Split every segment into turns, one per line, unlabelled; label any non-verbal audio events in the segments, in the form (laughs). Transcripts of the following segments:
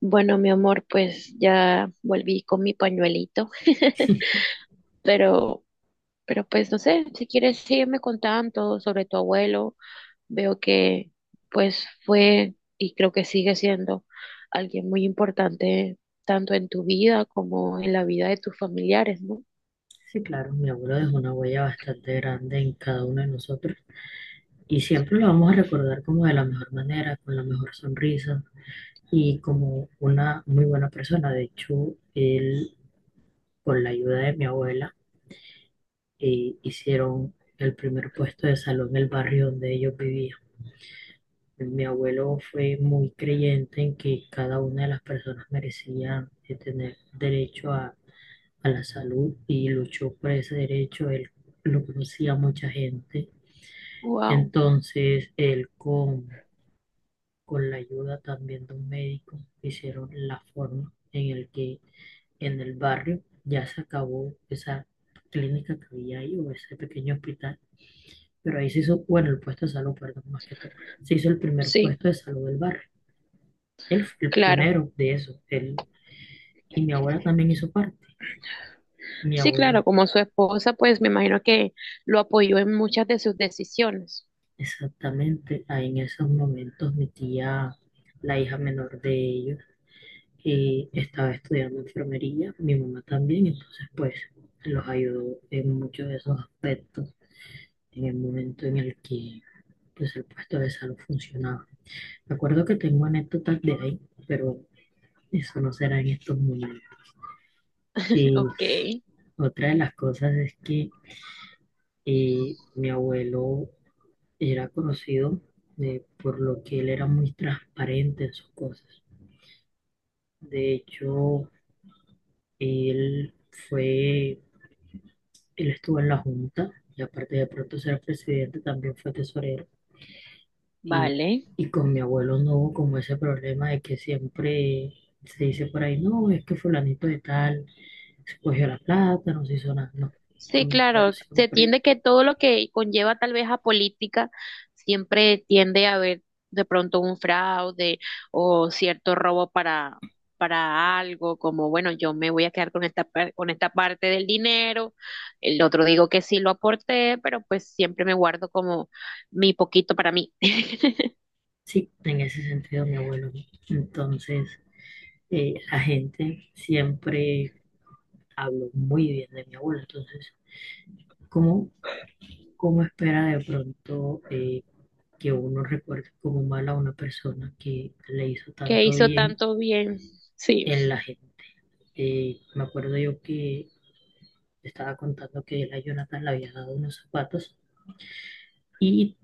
Bueno, mi amor, pues ya volví con mi pañuelito, pero, pero pues no sé, si quieres sígueme contando sobre tu abuelo. Veo que pues fue y creo que sigue siendo alguien muy importante tanto en tu vida como en la vida de tus familiares, ¿no?
Sí, claro, mi abuelo dejó una huella bastante grande en cada uno de nosotros y siempre lo vamos a recordar como de la mejor manera, con la mejor sonrisa y como una muy buena persona. De hecho, él, con la ayuda de mi abuela, hicieron el primer puesto de salud en el barrio donde ellos vivían. Mi abuelo fue muy creyente en que cada una de las personas merecían tener derecho a la salud y luchó por ese derecho. Él lo conocía a mucha gente.
Wow,
Entonces, él con la ayuda también de un médico hicieron la forma en el que en el barrio ya se acabó esa clínica que había ahí o ese pequeño hospital, pero ahí se hizo, bueno, el puesto de salud, perdón, más que todo, se hizo el primer
sí,
puesto de salud del barrio. Él fue el
claro.
pionero de eso, él y mi abuela también hizo parte, mi
Sí,
abuelo,
claro, como su esposa, pues me imagino que lo apoyó en muchas de sus decisiones.
exactamente, ahí en esos momentos mi tía, la hija menor de ellos, y estaba estudiando enfermería, mi mamá también, entonces pues los ayudó en muchos de esos aspectos en el momento en el que pues el puesto de salud funcionaba. Me acuerdo que tengo anécdotas de ahí, pero eso no será en estos momentos.
(laughs)
Y
Ok,
otra de las cosas es que mi abuelo era conocido por lo que él era muy transparente en sus cosas. De hecho, él fue él estuvo en la Junta y aparte de pronto ser presidente también fue tesorero. Y,
vale.
y con mi abuelo no hubo como ese problema de que siempre se dice por ahí, no, es que fulanito de tal se cogió la plata, no se hizo nada. No,
Sí,
con mi abuelo
claro, se
siempre,
tiende que todo lo que conlleva tal vez a política siempre tiende a haber de pronto un fraude o cierto robo para algo, como bueno, yo me voy a quedar con con esta parte del dinero, el otro digo que sí lo aporté, pero pues siempre me guardo como mi poquito para mí. (laughs)
sí, en ese sentido mi abuelo. No. Entonces, la gente siempre habló muy bien de mi abuelo. Entonces, ¿cómo, cómo espera de pronto, que uno recuerde como mal a una persona que le hizo
Que
tanto
hizo
bien
tanto bien. Sí,
en la gente? Me acuerdo yo que estaba contando que él a Jonathan le había dado unos zapatos y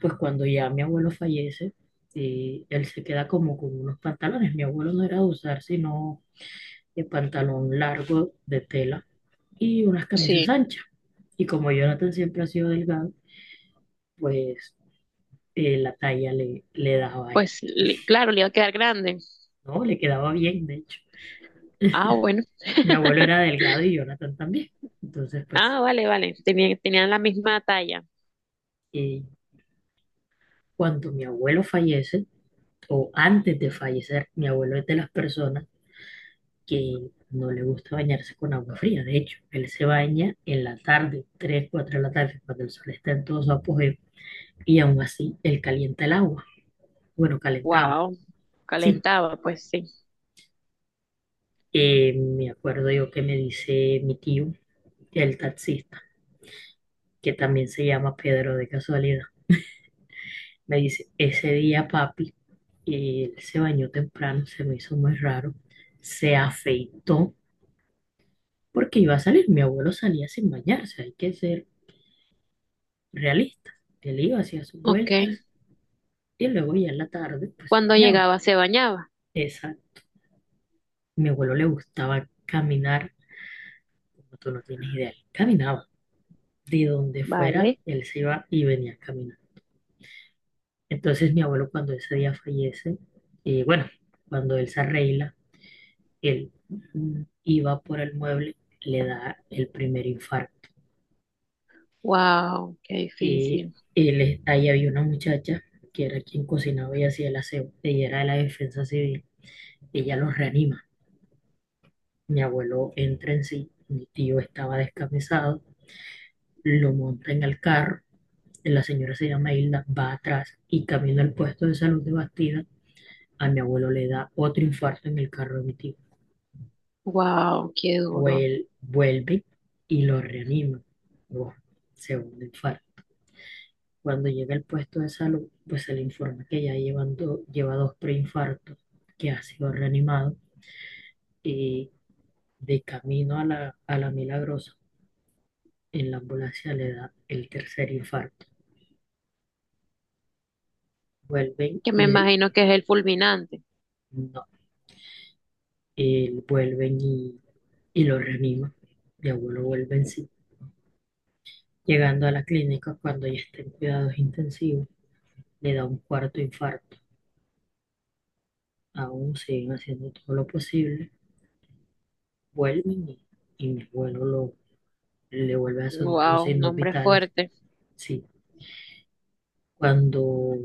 pues cuando ya mi abuelo fallece, él se queda como con unos pantalones. Mi abuelo no era de usar sino el pantalón largo de tela y unas camisas
sí,
anchas. Y como Jonathan siempre ha sido delgado, pues la talla le daba a él,
pues claro, le iba a quedar grande.
¿no? Le quedaba bien, de hecho.
Ah, bueno.
Mi abuelo era
(laughs)
delgado y Jonathan también. Entonces, pues,
Ah, vale, vale. Tenían, tenían la misma talla.
eh, cuando mi abuelo fallece, o antes de fallecer, mi abuelo es de las personas que no le gusta bañarse con agua fría. De hecho, él se baña en la tarde, 3, 4 de la tarde, cuando el sol está en todo su apogeo, y aún así él calienta el agua. Bueno, calentaba.
Wow.
Sí,
Calentaba, pues sí.
me acuerdo yo que me dice mi tío, el taxista, que también se llama Pedro de casualidad. Me dice, ese día papi, él se bañó temprano, se me hizo muy raro, se afeitó porque iba a salir. Mi abuelo salía sin bañarse, hay que ser realista. Él iba, hacía sus
Ok.
vueltas y luego ya en la tarde pues se
Cuando
bañaba.
llegaba se bañaba.
Esa, mi abuelo le gustaba caminar, como tú no tienes idea, él caminaba. De donde fuera,
Vale.
él se iba y venía a caminar. Entonces mi abuelo cuando ese día fallece, y bueno, cuando él se arregla, él iba por el mueble, le da el primer infarto.
Wow, qué
Y
difícil.
él, ahí había una muchacha que era quien cocinaba y hacía el aseo. Ella era de la defensa civil. Ella los reanima. Mi abuelo entra en sí. Mi tío estaba descamisado. Lo monta en el carro. La señora se llama Hilda, va atrás y camino al puesto de salud de Bastida. A mi abuelo le da otro infarto en el carro de mi tío.
Wow, qué duro.
Vuelve y lo reanima. Buah, segundo infarto. Cuando llega al puesto de salud, pues se le informa que ya lleva dos preinfartos, que ha sido reanimado y de camino a la Milagrosa, en la ambulancia le da el tercer infarto. Vuelven
Que me
y de-
imagino que es el fulminante.
no, vuelven y lo reaniman. Mi abuelo vuelve en sí. Llegando a la clínica, cuando ya está en cuidados intensivos, le da un cuarto infarto. Aún siguen haciendo todo lo posible, vuelven y mi abuelo le vuelve a sonar los
Wow,
signos
nombre
vitales.
fuerte.
Sí, cuando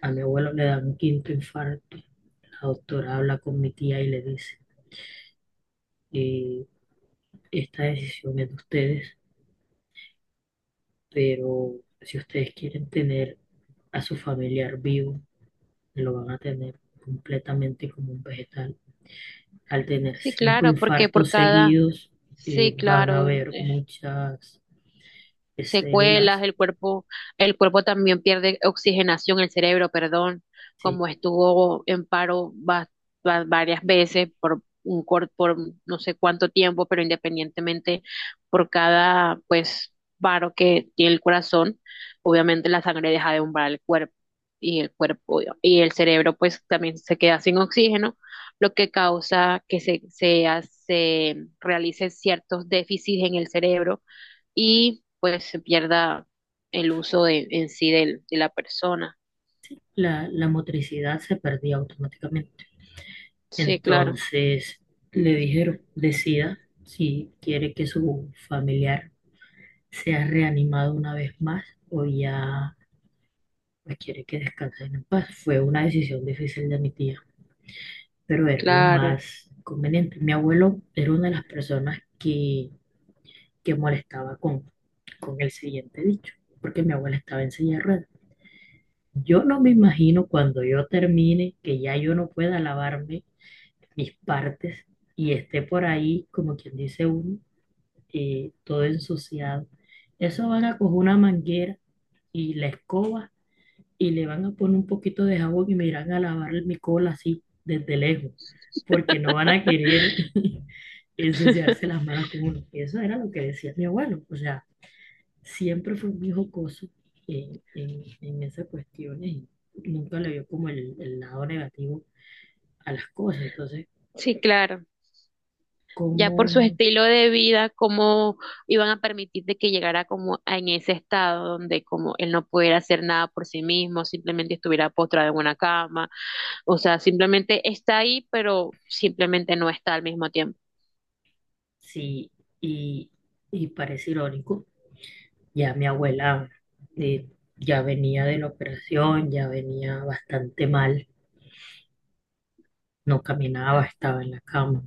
a mi abuelo le dan un quinto infarto, la doctora habla con mi tía y le dice, eh, esta decisión es de ustedes, pero si ustedes quieren tener a su familiar vivo, lo van a tener completamente como un vegetal. Al tener
Sí,
cinco
claro, porque por
infartos
cada,
seguidos,
sí,
van a
claro,
haber muchas
secuelas,
células.
el cuerpo también pierde oxigenación, el cerebro, perdón,
Sí,
como estuvo en paro varias veces por por no sé cuánto tiempo, pero independientemente por cada pues paro que tiene el corazón, obviamente la sangre deja de umbrar el cuerpo y el cuerpo y el cerebro pues también se queda sin oxígeno, lo que causa que realice ciertos déficits en el cerebro y pues se pierda el uso de, de la persona.
la motricidad se perdía automáticamente.
Sí, claro,
Entonces le dijeron, decida si quiere que su familiar sea reanimado una vez más o ya pues, quiere que descansen en paz. Fue una decisión difícil de mi tía, pero era lo
claro.
más conveniente. Mi abuelo era una de las personas que, molestaba con el siguiente dicho, porque mi abuela estaba en silla de ruedas. Yo no me imagino cuando yo termine que ya yo no pueda lavarme mis partes y esté por ahí, como quien dice, uno y todo ensuciado. Eso van a coger una manguera y la escoba y le van a poner un poquito de jabón y me irán a lavar mi cola así, desde lejos, porque no van a querer
(laughs)
(laughs) ensuciarse las manos con uno. Eso era lo que decía mi abuelo. O sea, siempre fue muy jocoso en esas cuestiones. Y nunca le vio como el lado negativo a las cosas. Entonces,
Sí, claro. Ya
como
por su
uno,
estilo de vida, cómo iban a permitir de que llegara como en ese estado donde como él no pudiera hacer nada por sí mismo, simplemente estuviera postrado en una cama, o sea, simplemente está ahí, pero simplemente no está al mismo tiempo.
sí, y, y parece irónico. Ya mi abuela eh, ya venía de la operación, ya venía bastante mal, no caminaba, estaba en la cama.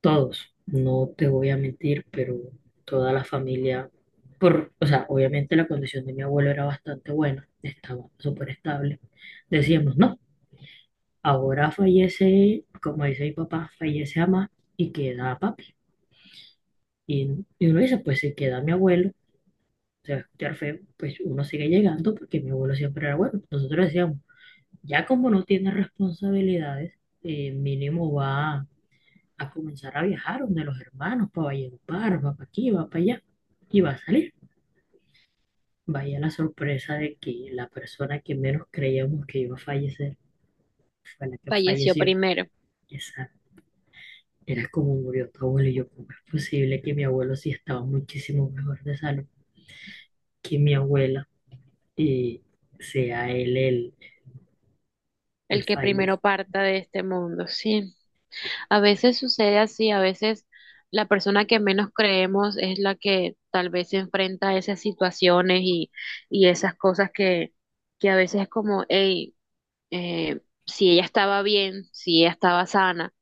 Todos, no te voy a mentir, pero toda la familia, por, o sea, obviamente la condición de mi abuelo era bastante buena, estaba súper estable. Decíamos, no, ahora fallece, como dice mi papá, fallece mamá y queda papi. Y uno dice, pues si queda mi abuelo, se va a escuchar feo, pues uno sigue llegando porque mi abuelo siempre era bueno. Nosotros decíamos, ya como no tiene responsabilidades, mínimo va a comenzar a viajar donde los hermanos, para Valledupar, va para aquí, va para allá, y va a salir. Vaya la sorpresa de que la persona que menos creíamos que iba a fallecer fue la que
Falleció
falleció.
primero,
Esa era como murió tu abuelo y yo, ¿cómo es posible que mi abuelo sí estaba muchísimo mejor de salud que mi abuela y sea él
el
el
que primero
fallecido?
parta de este mundo, sí. A veces sucede así, a veces la persona que menos creemos es la que tal vez se enfrenta a esas situaciones y esas cosas que a veces es como, hey, si ella estaba bien, si ella estaba sana,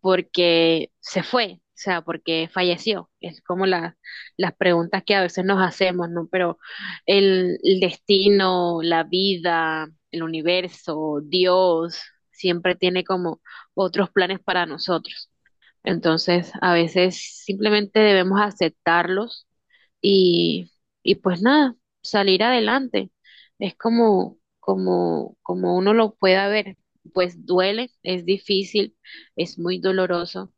porque se fue, o sea, porque falleció. Es como las preguntas que a veces nos hacemos, ¿no? Pero el destino, la vida, el universo, Dios, siempre tiene como otros planes para nosotros. Entonces, a veces simplemente debemos aceptarlos y, y pues nada, salir adelante. Es como, como, como uno lo pueda ver. Pues duele, es difícil, es muy doloroso.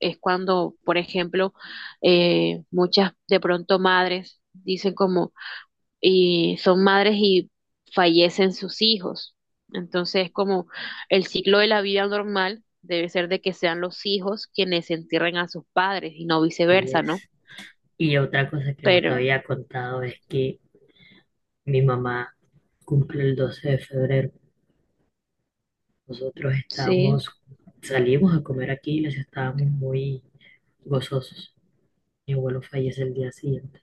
Es cuando, por ejemplo, muchas de pronto madres dicen como, y son madres y fallecen sus hijos. Entonces, como el ciclo de la vida normal debe ser de que sean los hijos quienes entierren a sus padres y no
Y
viceversa, ¿no?
es. Y otra cosa que no te
Pero
había contado es que mi mamá cumple el 12 de febrero. Nosotros
sí,
estábamos, salimos a comer aquí y les estábamos muy gozosos. Mi abuelo fallece el día siguiente.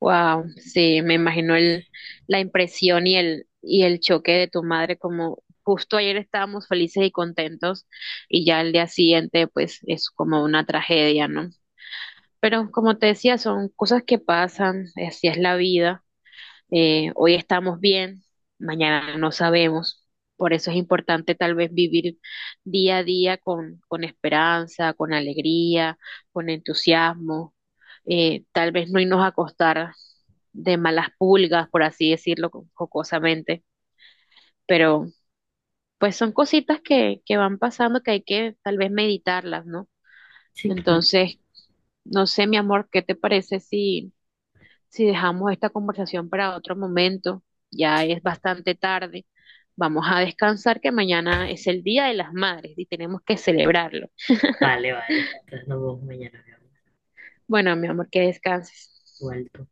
wow, sí, me imagino el, la impresión y el choque de tu madre como justo ayer estábamos felices y contentos y ya el día siguiente pues es como una tragedia, ¿no? Pero como te decía, son cosas que pasan, así es la vida. Hoy estamos bien, mañana no sabemos. Por eso es importante tal vez vivir día a día con esperanza, con alegría, con entusiasmo. Tal vez no irnos a acostar de malas pulgas, por así decirlo jocosamente, pero pues son cositas que van pasando que hay que tal vez meditarlas, ¿no?
Sí, claro.
Entonces, no sé, mi amor, ¿qué te parece si... Si dejamos esta conversación para otro momento, ya es bastante tarde. Vamos a descansar que mañana es el Día de las Madres y tenemos que celebrarlo.
Vale, vale. Entonces nos vemos mañana, mi amor.
Bueno, mi amor, que descanses.
Igual tú.